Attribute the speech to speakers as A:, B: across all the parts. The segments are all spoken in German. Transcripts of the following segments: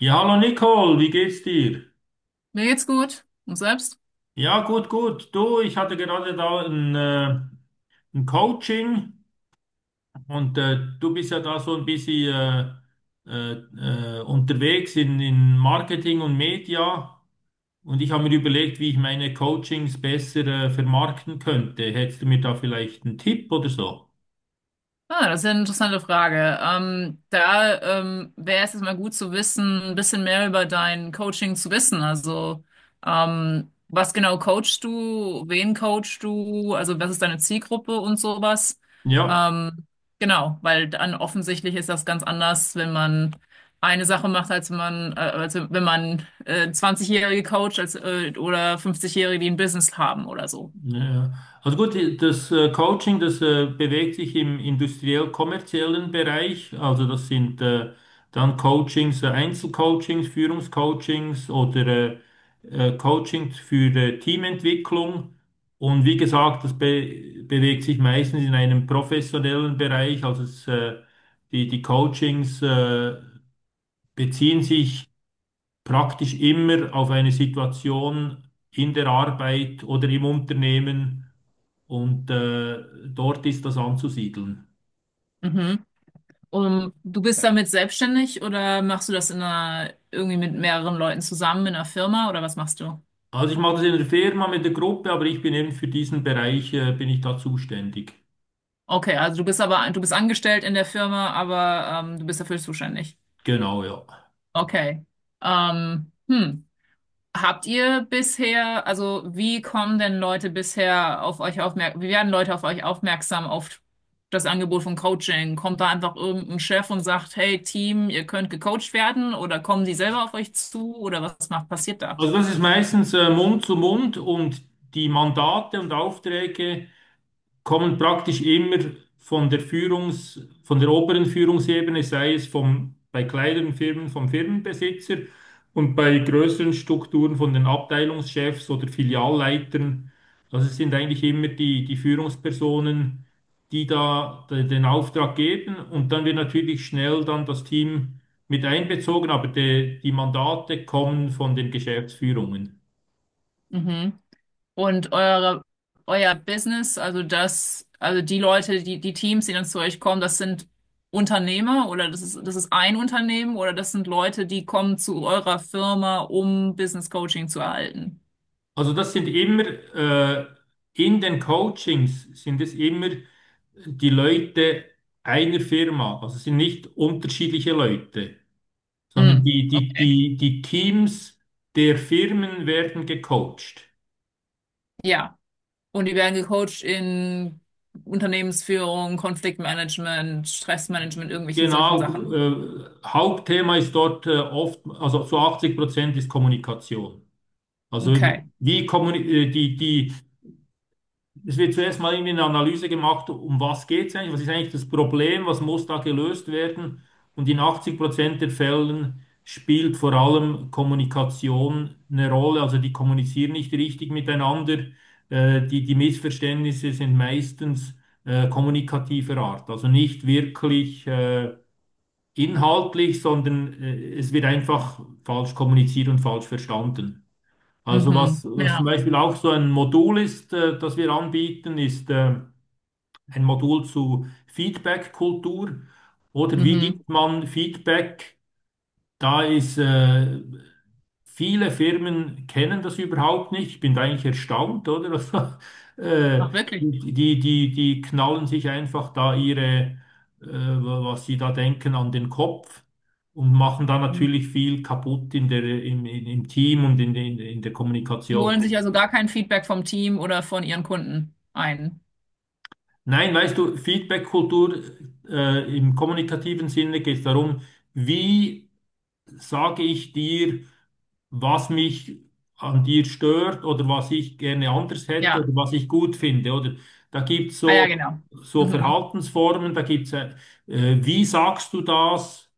A: Ja, hallo Nicole, wie geht's dir?
B: Mir geht's gut. Und selbst?
A: Ja, gut, gut. Du, ich hatte gerade da ein Coaching und du bist ja da so ein bisschen unterwegs in Marketing und Media und ich habe mir überlegt, wie ich meine Coachings besser vermarkten könnte. Hättest du mir da vielleicht einen Tipp oder so?
B: Ah, das ist ja eine interessante Frage. Da wäre es jetzt mal gut zu wissen, ein bisschen mehr über dein Coaching zu wissen. Also, was genau coachst du? Wen coachst du? Also, was ist deine Zielgruppe und sowas?
A: Ja.
B: Ähm, genau, weil dann offensichtlich ist das ganz anders, wenn man eine Sache macht, als wenn man 20-Jährige coacht als, oder 50-Jährige, die ein Business haben oder so.
A: Ja, ja. Also gut, das Coaching, das bewegt sich im industriell-kommerziellen Bereich. Also das sind dann Einzelcoachings, Führungscoachings oder Coachings für Teamentwicklung. Und wie gesagt, das be bewegt sich meistens in einem professionellen Bereich. Also die Coachings beziehen sich praktisch immer auf eine Situation in der Arbeit oder im Unternehmen und dort ist das anzusiedeln.
B: Mhm. Du bist damit selbstständig oder machst du das in einer, irgendwie mit mehreren Leuten zusammen in einer Firma oder was machst du?
A: Also ich mache das in der Firma mit der Gruppe, aber ich bin eben für diesen Bereich, bin ich da zuständig.
B: Okay, also du bist aber, du bist angestellt in der Firma, aber du bist dafür zuständig.
A: Genau, ja.
B: Okay. Hm. Habt ihr bisher, also wie kommen denn Leute bisher auf euch aufmerksam, wie werden Leute auf euch aufmerksam auf das Angebot von Coaching? Kommt da einfach irgendein Chef und sagt, hey Team, ihr könnt gecoacht werden oder kommen die selber auf euch zu oder was macht, passiert da?
A: Also das ist meistens Mund zu Mund und die Mandate und Aufträge kommen praktisch immer von der oberen Führungsebene, sei es bei kleineren Firmen vom Firmenbesitzer und bei größeren Strukturen von den Abteilungschefs oder Filialleitern. Also es sind eigentlich immer die Führungspersonen, die den Auftrag geben und dann wird natürlich schnell dann das Team mit einbezogen, aber die Mandate kommen von den Geschäftsführungen.
B: Mhm. Und eure, euer Business, also das, also die Leute, die, die Teams, die dann zu euch kommen, das sind Unternehmer oder das ist ein Unternehmen oder das sind Leute, die kommen zu eurer Firma, um Business Coaching zu erhalten.
A: Also das sind immer äh, in den Coachings sind es immer die Leute einer Firma, also es sind nicht unterschiedliche Leute, sondern
B: Hm, okay.
A: die Teams der Firmen werden gecoacht.
B: Ja. Und die werden gecoacht in Unternehmensführung, Konfliktmanagement, Stressmanagement, irgendwelchen solchen
A: Genau,
B: Sachen.
A: Hauptthema ist dort oft, also zu 80% ist Kommunikation. Also
B: Okay.
A: wie kommuni die, die, Es wird zuerst mal irgendwie eine Analyse gemacht, um was geht es eigentlich, was ist eigentlich das Problem, was muss da gelöst werden. Und in 80% der Fällen spielt vor allem Kommunikation eine Rolle. Also die kommunizieren nicht richtig miteinander. Die Missverständnisse sind meistens kommunikativer Art. Also nicht wirklich inhaltlich, sondern es wird einfach falsch kommuniziert und falsch verstanden. Also was,
B: Mhm.
A: was
B: Ja.
A: zum Beispiel auch so ein Modul ist, das wir anbieten, ist ein Modul zu Feedback-Kultur oder wie
B: Mhm.
A: gibt man Feedback? Da ist viele Firmen kennen das überhaupt nicht. Ich bin da eigentlich erstaunt, oder? Also,
B: Ach, wirklich.
A: die knallen sich einfach da was sie da denken, an den Kopf und machen da natürlich viel kaputt in der, im, im im Team und in der
B: Die
A: Kommunikation.
B: holen sich also gar kein Feedback vom Team oder von ihren Kunden ein.
A: Nein, weißt du, Feedback-Kultur im kommunikativen Sinne geht es darum, wie sage ich dir, was mich an dir stört oder was ich gerne anders hätte
B: Ja,
A: oder was ich gut finde. Oder da gibt es
B: ah ja,
A: so,
B: genau.
A: so
B: Mhm.
A: Verhaltensformen, da gibt es, wie sagst du das?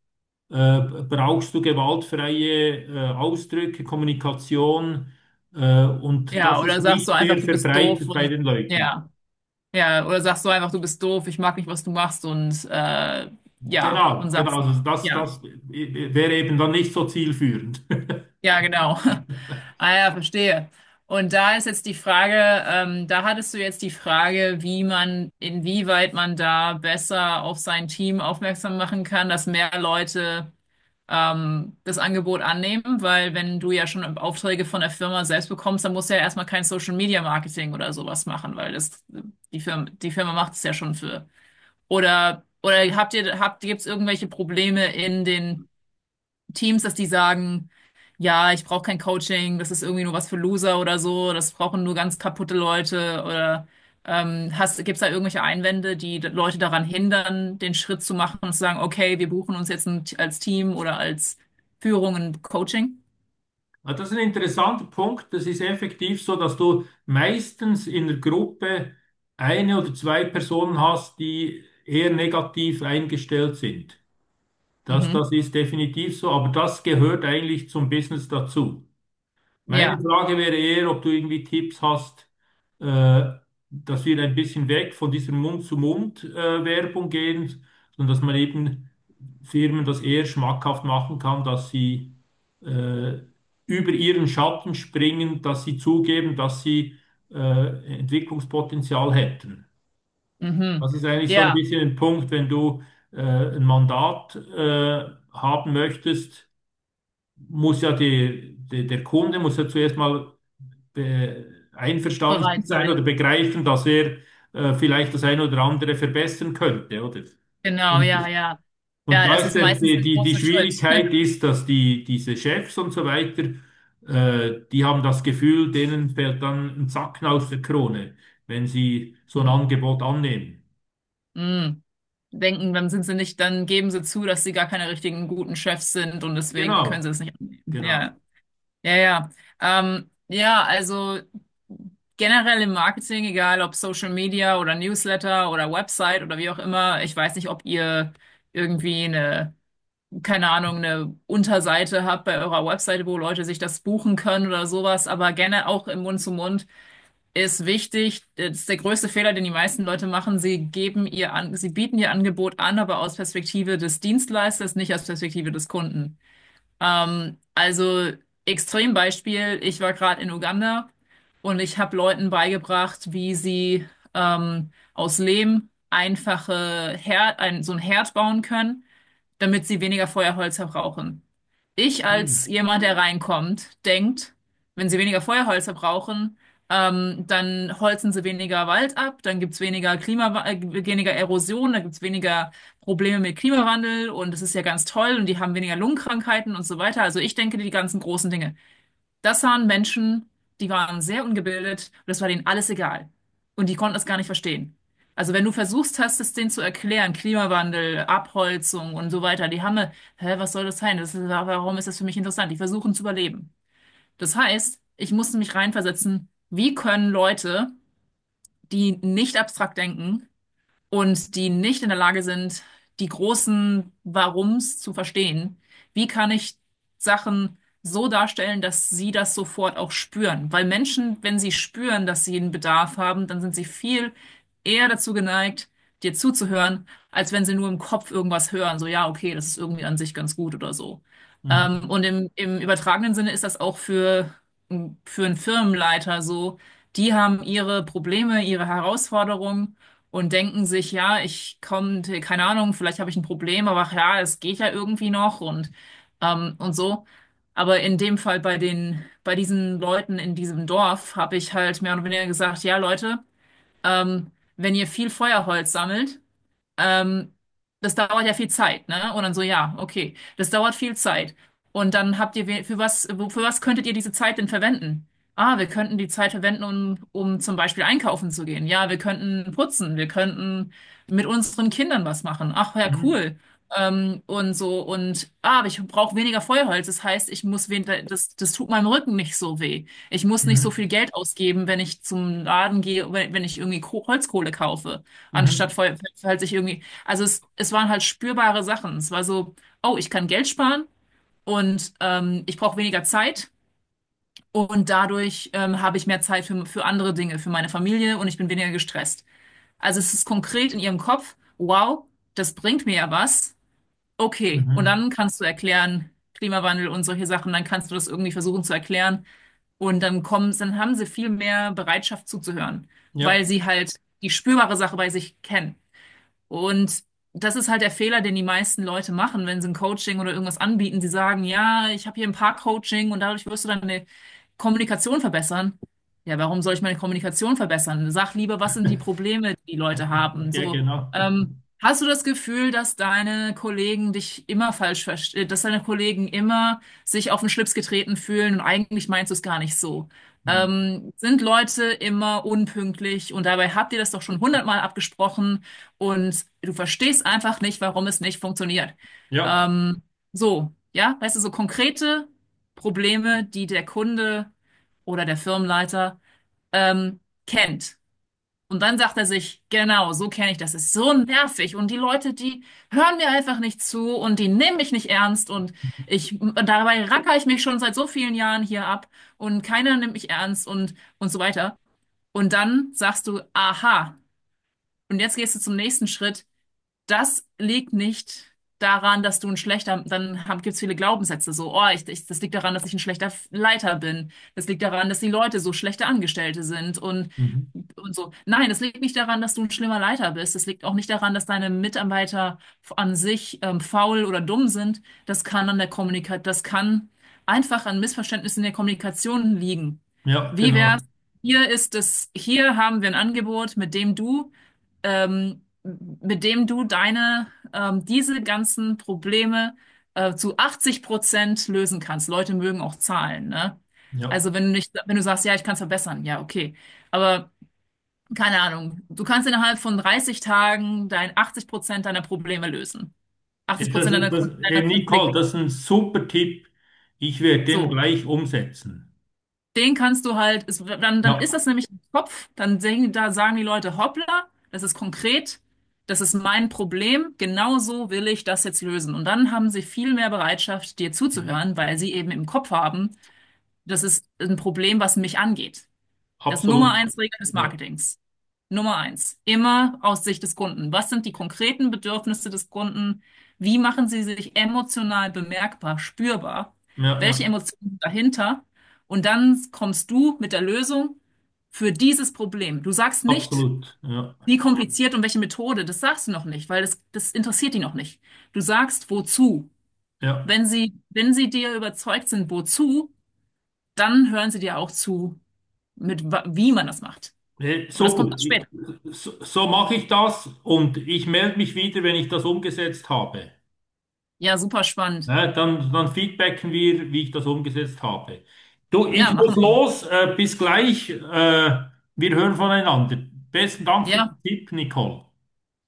A: Äh, Brauchst du gewaltfreie Ausdrücke, Kommunikation? Und
B: Ja,
A: das ist
B: oder sagst du
A: nicht sehr
B: einfach, du bist doof
A: verbreitet bei
B: und
A: den Leuten.
B: ja, ja, oder sagst du einfach, du bist doof, ich mag nicht, was du machst und ja, und
A: Genau,
B: sagst,
A: genau. Also das
B: ja,
A: wäre eben dann nicht so zielführend.
B: ja, genau. Ah ja, verstehe. Und da ist jetzt die Frage, da hattest du jetzt die Frage, wie man, inwieweit man da besser auf sein Team aufmerksam machen kann, dass mehr Leute das Angebot annehmen, weil wenn du ja schon Aufträge von der Firma selbst bekommst, dann musst du ja erstmal kein Social Media Marketing oder sowas machen, weil das die Firma macht es ja schon für. Oder habt ihr habt gibt's irgendwelche Probleme in den Teams, dass die sagen, ja, ich brauche kein Coaching, das ist irgendwie nur was für Loser oder so, das brauchen nur ganz kaputte Leute oder hast, gibt es da irgendwelche Einwände, die d- Leute daran hindern, den Schritt zu machen und zu sagen, okay, wir buchen uns jetzt ein, als Team oder als Führung ein Coaching?
A: Ja, das ist ein interessanter Punkt. Das ist effektiv so, dass du meistens in der Gruppe eine oder zwei Personen hast, die eher negativ eingestellt sind. Das
B: Mhm.
A: ist definitiv so, aber das gehört eigentlich zum Business dazu. Meine
B: Ja,
A: Frage wäre eher, ob du irgendwie Tipps hast, äh, dass wir ein bisschen weg von dieser Mund-zu-Mund-Werbung gehen, sondern dass man eben Firmen das eher schmackhaft machen kann, dass sie äh, über ihren Schatten springen, dass sie zugeben, dass sie Entwicklungspotenzial hätten.
B: mhm.
A: Das ist eigentlich so ein
B: Ja,
A: bisschen ein Punkt, wenn du äh, ein Mandat haben möchtest, muss ja der Kunde muss ja zuerst mal einverstanden
B: bereit
A: sein oder
B: sein.
A: begreifen, dass er vielleicht das eine oder andere verbessern könnte, oder?
B: Genau,
A: Und,
B: ja, ja.
A: und
B: Ja,
A: da
B: das
A: ist
B: ist meistens der
A: die
B: große Schritt.
A: Schwierigkeit ist, dass diese Chefs und so weiter, die haben das Gefühl, denen fällt dann ein Zacken aus der Krone, wenn sie so ein Angebot annehmen.
B: Mm. Denken, dann sind sie nicht, dann geben sie zu, dass sie gar keine richtigen guten Chefs sind und deswegen
A: Genau,
B: können sie es nicht annehmen.
A: genau.
B: Ja, ja, ja. Ja, also generell im Marketing, egal ob Social Media oder Newsletter oder Website oder wie auch immer, ich weiß nicht, ob ihr irgendwie eine, keine Ahnung, eine Unterseite habt bei eurer Website, wo Leute sich das buchen können oder sowas, aber gerne auch im Mund-zu-Mund ist wichtig. Das ist der größte Fehler, den die meisten Leute machen. Sie geben ihr an, sie bieten ihr Angebot an, aber aus Perspektive des Dienstleisters, nicht aus Perspektive des Kunden. Also Extrembeispiel, ich war gerade in Uganda und ich habe Leuten beigebracht, wie sie aus Lehm einfache Herd, ein, so ein Herd bauen können damit sie weniger Feuerholz verbrauchen. Ich als
A: Hm.
B: jemand, der reinkommt, denkt, wenn sie weniger Feuerholz verbrauchen, dann holzen sie weniger Wald ab, dann gibt's weniger Klima, weniger Erosion, dann gibt's weniger Probleme mit Klimawandel und es ist ja ganz toll und die haben weniger Lungenkrankheiten und so weiter. Also ich denke die ganzen großen Dinge. Das waren Menschen, die waren sehr ungebildet und das war denen alles egal. Und die konnten es gar nicht verstehen. Also wenn du versuchst hast, es denen zu erklären, Klimawandel, Abholzung und so weiter, die haben, eine, hä, was soll das sein? Das ist, warum ist das für mich interessant? Die versuchen zu überleben. Das heißt, ich musste mich reinversetzen, wie können Leute, die nicht abstrakt denken, und die nicht in der Lage sind, die großen Warums zu verstehen. Wie kann ich Sachen so darstellen, dass sie das sofort auch spüren? Weil Menschen, wenn sie spüren, dass sie einen Bedarf haben, dann sind sie viel eher dazu geneigt, dir zuzuhören, als wenn sie nur im Kopf irgendwas hören. So, ja, okay, das ist irgendwie an sich ganz gut oder so.
A: Mhm.
B: Und im, im übertragenen Sinne ist das auch für einen Firmenleiter so. Die haben ihre Probleme, ihre Herausforderungen und denken sich, ja, ich komme, keine Ahnung, vielleicht habe ich ein Problem, aber ach ja, es geht ja irgendwie noch und so. Aber in dem Fall bei den, bei diesen Leuten in diesem Dorf habe ich halt mehr oder weniger gesagt, ja, Leute, ähm, wenn ihr viel Feuerholz sammelt, ähm, das dauert ja viel Zeit, ne? Und dann so, ja, okay, das dauert viel Zeit. Und dann habt ihr, we- für was, wo- für was könntet ihr diese Zeit denn verwenden? Ah, wir könnten die Zeit verwenden, um, um zum Beispiel einkaufen zu gehen. Ja, wir könnten putzen, wir könnten mit unseren Kindern was machen. Ach ja,
A: Mhm.
B: cool. Und so, und ah, aber ich brauche weniger Feuerholz. Das heißt, ich muss wen das, das tut meinem Rücken nicht so weh. Ich muss nicht so viel
A: Mhm.
B: Geld ausgeben, wenn ich zum Laden gehe, wenn, wenn ich irgendwie Ko Holzkohle kaufe. Anstatt
A: Mhm.
B: voll, halt sich irgendwie, also es waren halt spürbare Sachen. Es war so, oh, ich kann Geld sparen und ich brauche weniger Zeit und dadurch habe ich mehr Zeit für andere Dinge, für meine Familie und ich bin weniger gestresst. Also es ist konkret in ihrem Kopf, wow, das bringt mir ja was. Okay, und
A: Mhm.
B: dann kannst du erklären, Klimawandel und solche Sachen, dann kannst du das irgendwie versuchen zu erklären und dann kommen, dann haben sie viel mehr Bereitschaft zuzuhören, weil
A: Ja,
B: sie halt die spürbare Sache bei sich kennen. Und das ist halt der Fehler, den die meisten Leute machen, wenn sie ein Coaching oder irgendwas anbieten. Sie sagen, ja, ich habe hier ein Paar-Coaching und dadurch wirst du deine Kommunikation verbessern. Ja, warum soll ich meine Kommunikation verbessern? Sag lieber, was sind die Probleme, die die Leute haben?
A: ja,
B: So,
A: genau.
B: hast du das Gefühl, dass deine Kollegen dich immer falsch verstehen, dass deine Kollegen immer sich auf den Schlips getreten fühlen und eigentlich meinst du es gar nicht so?
A: Hm.
B: Sind Leute immer unpünktlich und dabei habt ihr das doch schon hundertmal abgesprochen? Und du verstehst einfach nicht, warum es nicht funktioniert.
A: Ja.
B: Ähm, so, ja, weißt du, so konkrete Probleme, die der Kunde oder der Firmenleiter ähm, kennt. Und dann sagt er sich, genau, so kenne ich das. Es ist so nervig. Und die Leute, die hören mir einfach nicht zu und die nehmen mich nicht ernst. Und
A: Mhm.
B: ich, und dabei racker ich mich schon seit so vielen Jahren hier ab und keiner nimmt mich ernst und so weiter. Und dann sagst du, aha. Und jetzt gehst du zum nächsten Schritt. Das liegt nicht daran, dass du ein schlechter, dann haben, gibt's viele Glaubenssätze so, oh, ich, das liegt daran, dass ich ein schlechter Leiter bin. Das liegt daran, dass die Leute so schlechte Angestellte sind
A: Mhm.
B: und so. Nein, das liegt nicht daran, dass du ein schlimmer Leiter bist. Das liegt auch nicht daran, dass deine Mitarbeiter an sich faul oder dumm sind. Das kann an der Kommunikation, das kann einfach an Missverständnissen in der Kommunikation liegen.
A: Ja,
B: Wie wär's?
A: genau.
B: Hier ist es, hier haben wir ein Angebot, mit dem du deine, diese ganzen Probleme zu 80% lösen kannst. Leute mögen auch Zahlen, ne?
A: Ja.
B: Also wenn du nicht, wenn du sagst, ja, ich kann es verbessern, ja, okay. Aber keine Ahnung, du kannst innerhalb von 30 Tagen dein 80% deiner Probleme lösen. 80 Prozent deiner, Kon deiner
A: Hey Nicole,
B: Konflikte.
A: das ist ein super Tipp. Ich werde den
B: So.
A: gleich umsetzen.
B: Den kannst du halt, es, dann, dann
A: Ja,
B: ist das nämlich im Kopf, dann sehen, da sagen die Leute, hoppla, das ist konkret, das ist mein Problem, genau so will ich das jetzt lösen. Und dann haben sie viel mehr Bereitschaft, dir
A: ja,
B: zuzuhören, weil sie eben im Kopf haben, das ist ein Problem, was mich angeht. Das Nummer
A: absolut.
B: eins Regel des
A: Ja,
B: Marketings. Nummer eins, immer aus Sicht des Kunden. Was sind die konkreten Bedürfnisse des Kunden? Wie machen sie sich emotional bemerkbar, spürbar?
A: ja,
B: Welche
A: ja,
B: Emotionen sind dahinter? Und dann kommst du mit der Lösung für dieses Problem. Du sagst nicht,
A: absolut. Ja,
B: wie kompliziert und welche Methode, das sagst du noch nicht, weil das, das interessiert die noch nicht. Du sagst, wozu.
A: ja.
B: Wenn sie, wenn sie dir überzeugt sind, wozu, dann hören sie dir auch zu, mit wa- wie man das macht.
A: Hey,
B: Aber das kommt
A: super.
B: erst
A: Ich-
B: später.
A: So, so mache ich das und ich melde mich wieder, wenn ich das umgesetzt habe.
B: Ja, super spannend.
A: Ne, dann, dann feedbacken wir, wie ich das umgesetzt habe. Du,
B: Ja,
A: ich muss
B: machen wir.
A: los. Bis gleich. Wir hören voneinander. Besten Dank für
B: Ja,
A: den Tipp, Nicole.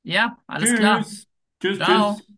B: ja, alles
A: Tschüss.
B: klar.
A: Tschüss, tschüss.
B: Ciao.